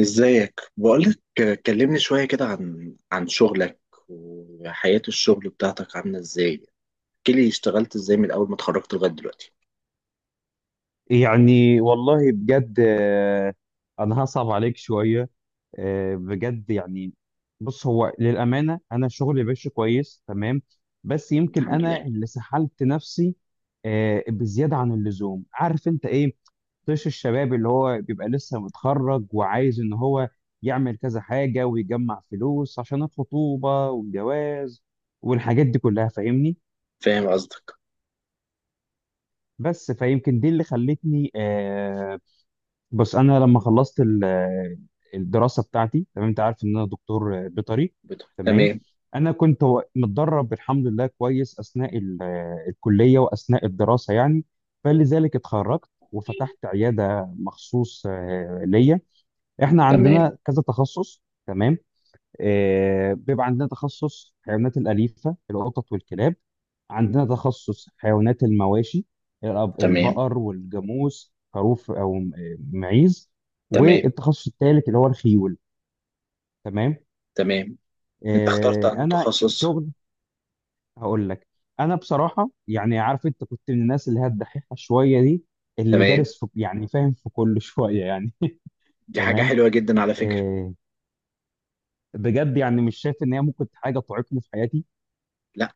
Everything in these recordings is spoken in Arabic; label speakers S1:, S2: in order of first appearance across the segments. S1: ازيك؟ بقولك كلمني شوية كده عن شغلك وحياة الشغل بتاعتك عاملة ازاي؟ احكيلي اشتغلت ازاي من اول ما اتخرجت لغاية دلوقتي.
S2: يعني والله بجد آه، انا هصعب عليك شويه. آه، بجد يعني بص، هو للامانه انا شغلي ماشي كويس، تمام. بس يمكن
S1: الحمد لله.
S2: انا اللي سحلت نفسي، بزياده عن اللزوم. عارف انت ايه؟ طيش الشباب اللي هو بيبقى لسه متخرج وعايز ان هو يعمل كذا حاجه ويجمع فلوس عشان الخطوبه والجواز والحاجات دي كلها، فاهمني.
S1: فاهم قصدك.
S2: بس فيمكن دي اللي خلتني بس انا لما خلصت الدراسه بتاعتي. تمام، انت عارف ان انا دكتور بيطري. تمام.
S1: تمام.
S2: انا كنت متدرب الحمد لله كويس اثناء الكليه واثناء الدراسه يعني. فلذلك اتخرجت وفتحت عياده مخصوص ليا. احنا
S1: تمام.
S2: عندنا كذا تخصص، تمام. بيبقى عندنا تخصص حيوانات الأليفة، القطط والكلاب. عندنا تخصص حيوانات المواشي،
S1: تمام.
S2: البقر والجاموس، خروف، أو معيز.
S1: تمام.
S2: والتخصص الثالث اللي هو الخيول. تمام.
S1: تمام. انت اخترت
S2: آه،
S1: انه
S2: أنا
S1: تخصص.
S2: شغل هقول لك. أنا بصراحة يعني، عارف أنت كنت من الناس اللي هي الدحيحة شوية دي، اللي
S1: تمام.
S2: دارس في، يعني فاهم في كل شوية يعني.
S1: دي حاجة
S2: تمام.
S1: حلوة جدا على فكرة.
S2: آه، بجد يعني مش شايف إن هي ممكن حاجة تعيقني في حياتي.
S1: لا،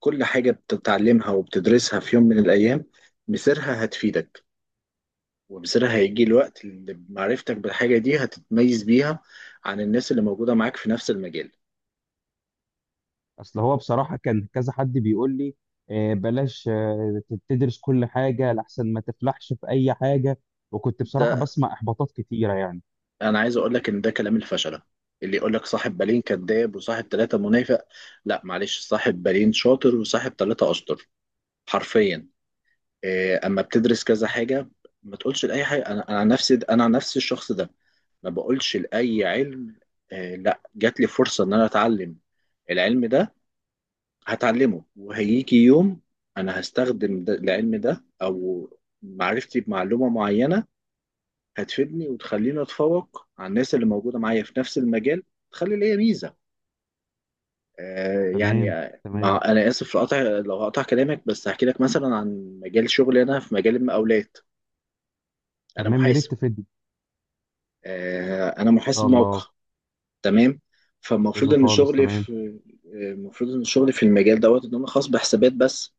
S1: كل حاجة بتتعلمها وبتدرسها في يوم من الايام مصيرها هتفيدك، ومصيرها هيجي الوقت اللي معرفتك بالحاجة دي هتتميز بيها عن الناس اللي موجودة معاك في نفس المجال.
S2: اصل هو بصراحه كان كذا حد بيقول لي بلاش تدرس كل حاجه لحسن ما تفلحش في اي حاجه. وكنت بصراحه
S1: ده
S2: بسمع احباطات كتيره يعني.
S1: انا عايز اقول لك ان ده كلام الفشله. اللي يقول لك صاحب بالين كذاب وصاحب ثلاثة منافق، لا معلش، صاحب بالين شاطر وصاحب ثلاثة اشطر، حرفيا. إيه، اما بتدرس كذا حاجة ما تقولش لاي حاجة. انا عن نفسي، انا عن نفسي الشخص ده ما بقولش لاي علم. لا جات لي فرصة ان انا اتعلم العلم ده، هتعلمه وهيجي يوم انا هستخدم ده العلم ده او معرفتي بمعلومة معينة هتفيدني وتخليني اتفوق على الناس اللي موجوده معايا في نفس المجال، تخلي ليا ميزه.
S2: تمام،
S1: مع
S2: تمام،
S1: انا اسف في قطع، لو هقطع كلامك بس هحكي لك مثلا عن مجال شغلي. انا في مجال المقاولات. انا
S2: تمام، يا ريت
S1: محاسب،
S2: تفيدني.
S1: انا
S2: ان شاء
S1: محاسب موقع.
S2: الله.
S1: تمام. فالمفروض
S2: حلو
S1: ان
S2: خالص،
S1: شغلي
S2: تمام.
S1: في، المفروض ان شغلي في المجال دوت ان انا خاص بحسابات بس.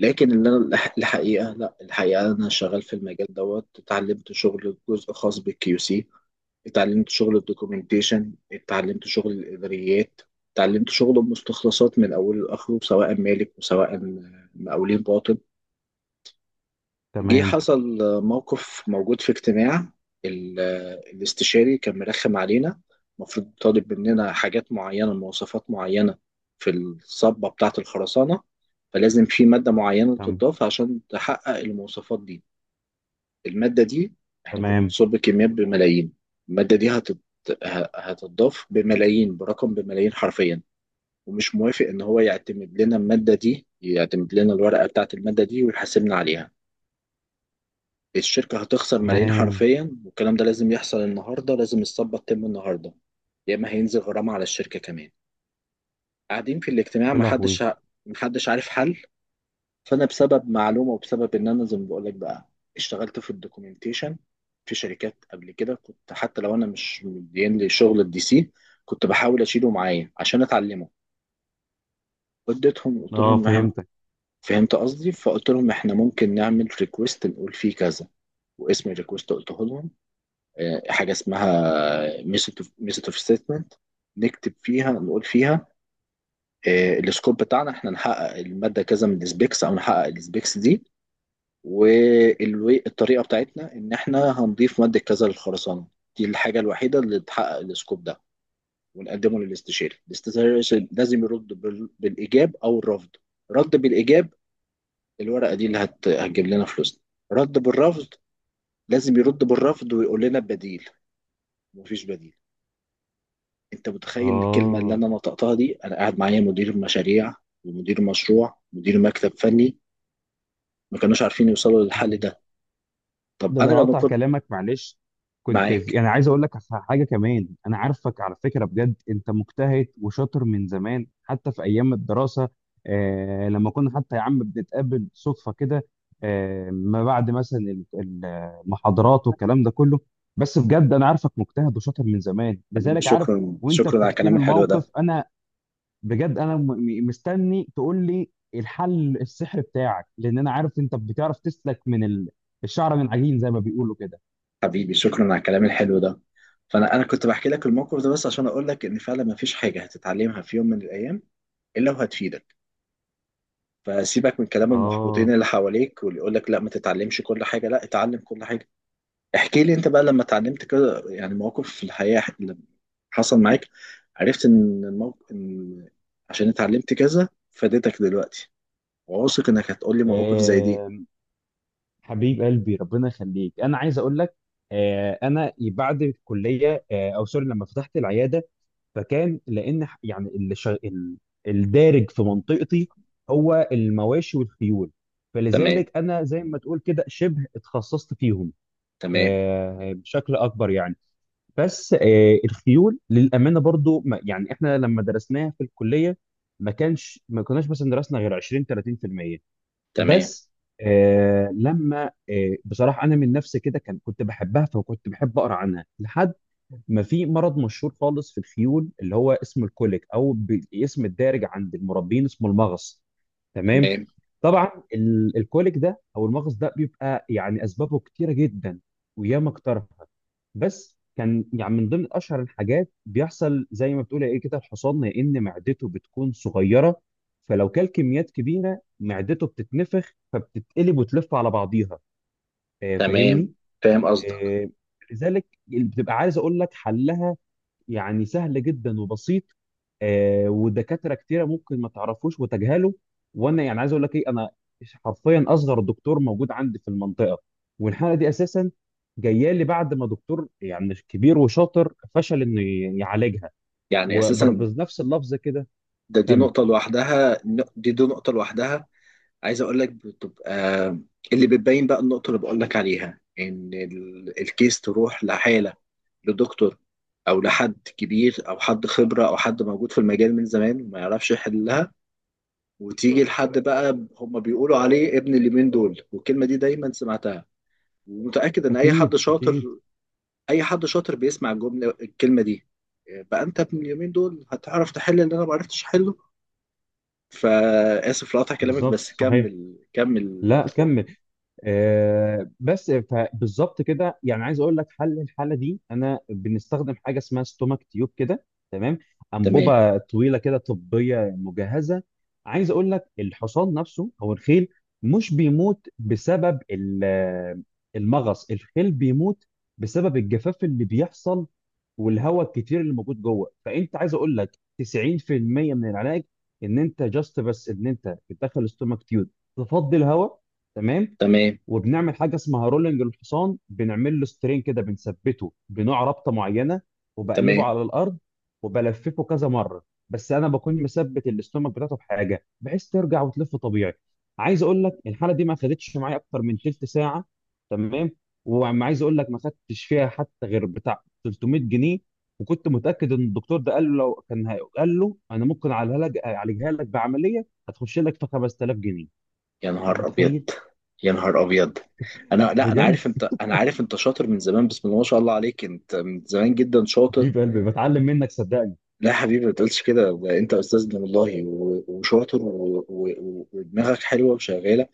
S1: لكن اللي انا الحقيقه، لا الحقيقه انا شغال في المجال دوت اتعلمت شغل جزء خاص بالكيو سي، اتعلمت شغل الدوكيومنتيشن، اتعلمت شغل الاداريات، اتعلمت شغل المستخلصات من اوله لاخره، سواء مالك وسواء مقاولين باطن. جه
S2: تمام.
S1: حصل موقف موجود في اجتماع. ال- الاستشاري كان مرخم علينا، المفروض طالب مننا حاجات معينة مواصفات معينة في الصبة بتاعة الخرسانة، فلازم في مادة معينة
S2: تمام.
S1: تضاف عشان تحقق المواصفات دي. المادة دي احنا كنا
S2: تمام.
S1: بنصب كميات بملايين. المادة دي هتضاف بملايين، برقم بملايين حرفيا. ومش موافق ان هو يعتمد لنا المادة دي، يعتمد لنا الورقة بتاعة المادة دي ويحاسبنا عليها. الشركة هتخسر ملايين
S2: تمام.
S1: حرفيا، والكلام ده لازم يحصل النهاردة، لازم الصفقة تتم النهاردة، يا إما هينزل غرامة على الشركة كمان. قاعدين في الاجتماع
S2: يا لهوي.
S1: محدش عارف حل. فأنا بسبب معلومة وبسبب إن أنا زي ما بقولك بقى اشتغلت في الدوكيومنتيشن في شركات قبل كده، كنت حتى لو أنا مش مدين لي شغل الدي سي كنت بحاول أشيله معايا عشان أتعلمه. اديتهم قلت
S2: اه،
S1: لهم
S2: فهمتك.
S1: فهمت قصدي، فقلت لهم إحنا ممكن نعمل ريكويست نقول فيه كذا، واسم الريكويست قلته لهم، حاجه اسمها ميثود اوف ستيتمنت، نكتب فيها نقول فيها، السكوب بتاعنا احنا نحقق الماده كذا من السبيكس او نحقق السبيكس دي، والطريقه بتاعتنا ان احنا هنضيف ماده كذا للخرسانه، دي الحاجه الوحيده اللي تحقق السكوب ده. ونقدمه للاستشاري. الاستشاري لازم يرد بالايجاب او الرفض. رد بالايجاب، الورقه دي اللي هتجيب لنا فلوسنا. رد بالرفض، لازم يرد بالرفض ويقول لنا بديل. مفيش بديل. انت متخيل الكلمه اللي
S2: اه،
S1: انا نطقتها دي؟ انا قاعد معايا مدير مشاريع، ومدير مشروع ومدير مكتب فني، ما كانوش عارفين يوصلوا للحل ده. طب
S2: ده
S1: انا
S2: انا
S1: لما
S2: قاطع
S1: كنت
S2: كلامك معلش، كنت في
S1: معاك.
S2: يعني عايز اقول لك حاجه كمان. انا عارفك على فكره، بجد انت مجتهد وشاطر من زمان حتى في ايام الدراسه. آه، لما كنا حتى يا عم بنتقابل صدفه كده آه، ما بعد مثلا المحاضرات والكلام ده كله. بس بجد انا عارفك مجتهد وشاطر من زمان،
S1: حبيبي
S2: لذلك عارف.
S1: شكرا
S2: وانت
S1: شكرا على
S2: بتحكي
S1: الكلام
S2: لي
S1: الحلو ده.
S2: الموقف، انا بجد انا مستني تقول لي الحل السحر بتاعك، لان انا عارف انت بتعرف تسلك من الشعر من عجين زي ما بيقولوا كده.
S1: حبيبي شكرا على الكلام الحلو ده. فانا كنت بحكي لك الموقف ده بس عشان اقول لك ان فعلا ما فيش حاجه هتتعلمها في يوم من الايام الا وهتفيدك. فسيبك من كلام المحبطين
S2: اه.
S1: اللي حواليك واللي يقول لك لا ما تتعلمش كل حاجه. لا، اتعلم كل حاجه. احكي لي انت بقى، لما اتعلمت كده يعني مواقف في الحياة اللي حصل معاك عرفت ان الموقف ان عشان اتعلمت كذا فادتك دلوقتي. واثق انك هتقول لي مواقف زي دي.
S2: آه، حبيب قلبي ربنا يخليك، انا عايز اقول لك، انا بعد الكليه او سوري لما فتحت العياده، فكان لان الدارج في منطقتي هو المواشي والخيول.
S1: تمام.
S2: فلذلك انا زي ما تقول كده شبه اتخصصت فيهم
S1: تمام.
S2: بشكل اكبر يعني. بس الخيول للامانه برضو يعني احنا لما درسناها في الكليه، ما كناش مثلا درسنا غير 20 30%.
S1: تمام.
S2: بس آه، لما آه، بصراحه انا من نفسي كده كنت بحبها فكنت بحب اقرا عنها لحد ما في مرض مشهور خالص في الخيول اللي هو اسمه الكوليك، او باسم الدارج عند المربين اسمه المغص. تمام.
S1: تمام.
S2: طبعا الكوليك ده او المغص ده بيبقى يعني اسبابه كتيره جدا. وياما اقترحت. بس كان يعني من ضمن اشهر الحاجات بيحصل، زي ما بتقول ايه كده، الحصان يا ان معدته بتكون صغيره، فلو كل كميات كبيره معدته بتتنفخ فبتتقلب وتلف على بعضيها،
S1: تمام.
S2: فاهمني.
S1: فاهم قصدك.
S2: آه، لذلك بتبقى عايز اقول لك حلها يعني سهل جدا وبسيط. آه، ودكاتره كتيره ممكن ما تعرفوش وتجهله. وانا يعني عايز اقول لك ايه، انا حرفيا اصغر دكتور موجود عندي في المنطقه. والحاله دي اساسا جايه لي بعد ما دكتور يعني مش كبير وشاطر فشل انه يعالجها،
S1: يعني اساسا
S2: وبنفس اللفظ كده.
S1: دي
S2: كمل.
S1: نقطة لوحدها. دي نقطة لوحدها. عايز اقول لك بتبقى اللي بتبين بقى النقطة اللي بقول لك عليها ان الكيس تروح لحالة لدكتور او لحد كبير او حد خبره او حد موجود في المجال من زمان ما يعرفش يحلها، وتيجي لحد بقى هم بيقولوا عليه ابن اليومين دول. والكلمه دي دايما سمعتها، ومتاكد ان اي حد
S2: اكيد
S1: شاطر،
S2: اكيد.
S1: اي حد شاطر بيسمع الكلمه دي. بقى انت ابن اليومين دول هتعرف تحل اللي انا ما عرفتش احله. فاسف لقطع كلامك
S2: بالظبط
S1: بس
S2: صحيح.
S1: كمل كمل.
S2: لا كمل. بالظبط كده، يعني عايز اقول لك حل الحاله دي انا بنستخدم حاجه اسمها ستومك تيوب كده. تمام.
S1: تمام.
S2: انبوبه طويله كده طبيه مجهزه. عايز اقول لك الحصان نفسه او الخيل مش بيموت بسبب المغص، الخيل بيموت بسبب الجفاف اللي بيحصل والهواء الكتير اللي موجود جوه. فانت عايز اقول لك 90% من العلاج ان انت جاست بس ان انت بتدخل ستومك تيوب تفضي الهواء. تمام.
S1: تمام.
S2: وبنعمل حاجه اسمها رولنج الحصان، بنعمل له سترين كده، بنثبته بنوع رابطه معينه وبقلبه
S1: تمام.
S2: على الارض وبلففه كذا مره. بس انا بكون مثبت الاستومك بتاعته بحاجه بحيث ترجع وتلف طبيعي. عايز اقول لك الحاله دي ما خدتش معايا اكتر من تلت ساعه. تمام. وعايز اقول لك ما خدتش فيها حتى غير بتاع 300 جنيه. وكنت متاكد ان الدكتور ده قال له لو كان هي- قال له انا ممكن اعالجها لك، أعالجها لك بعمليه هتخش لك في 5000 جنيه.
S1: يا
S2: انت
S1: نهار ابيض.
S2: متخيل؟
S1: يا نهار ابيض. انا لا
S2: بجد
S1: انا عارف انت شاطر من زمان، بسم الله ما شاء الله عليك، انت من زمان جدا شاطر.
S2: حبيب قلبي بتعلم منك صدقني.
S1: لا يا حبيبي ما تقولش كده، ده انت استاذنا والله وشاطر ودماغك حلوه وشغاله.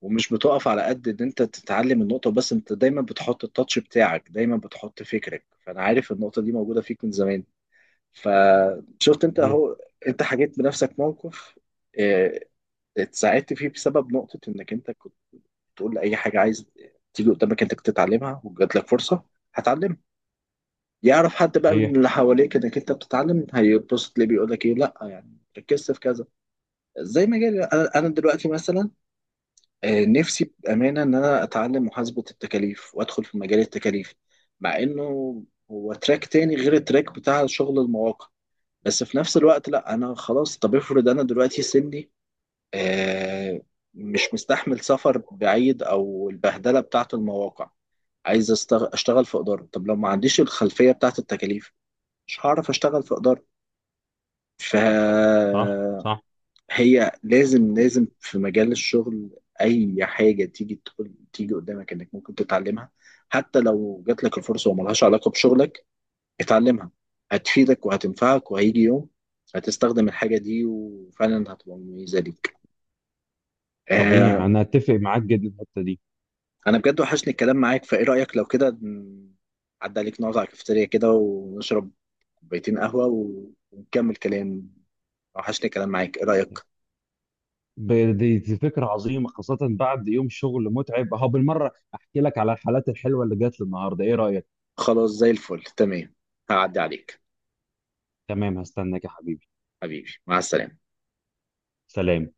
S1: ومش بتقف على قد ان انت تتعلم النقطه بس، انت دايما بتحط التاتش بتاعك، دايما بتحط فكرك، فانا عارف النقطه دي موجوده فيك من زمان. فشفت انت
S2: صحيح
S1: اهو، انت حكيت بنفسك موقف، اه، اتساعدت فيه بسبب نقطه انك انت كنت تقول لأي حاجة عايز تيجي قدامك انك تتعلمها وجات لك فرصة هتعلمها. يعرف حد بقى من
S2: صحيح.
S1: اللي حواليك انك انت بتتعلم هيتبسط ليه، بيقول لك ايه؟ لا يعني ركزت في كذا. زي ما جالي أنا دلوقتي مثلا، نفسي بامانه ان انا اتعلم محاسبه التكاليف وادخل في مجال التكاليف، مع انه هو تراك تاني غير التراك بتاع شغل المواقع، بس في نفس الوقت لا انا خلاص. طب افرض انا دلوقتي سني، آه، مش مستحمل سفر بعيد او البهدله بتاعه المواقع، عايز اشتغل في اداره. طب لو ما عنديش الخلفيه بتاعت التكاليف مش هعرف اشتغل في اداره.
S2: صح
S1: فهي
S2: صح.
S1: لازم، لازم في مجال الشغل اي حاجه تيجي تقول تيجي قدامك انك ممكن تتعلمها، حتى لو جات لك الفرصه وملهاش علاقه بشغلك، اتعلمها. هتفيدك وهتنفعك، وهيجي يوم هتستخدم الحاجه دي وفعلا هتبقى مميزه ليك.
S2: صحيح
S1: آه
S2: انا اتفق معاك جدا في الحته دي.
S1: انا بجد وحشني الكلام معاك، فايه رايك لو كده عدى عليك نقعد على الكافيتيريا كده ونشرب كوبايتين قهوة ونكمل كلام. وحشني كلام معاك. ايه رأيك؟
S2: دي فكره عظيمه، خاصه بعد يوم شغل متعب اهو بالمره احكي لك على الحالات الحلوه اللي جات لي النهارده. ايه رايك؟
S1: خلاص زي الفل. تمام، هعدي عليك.
S2: تمام هستناك يا حبيبي.
S1: حبيبي مع السلامة.
S2: سلام.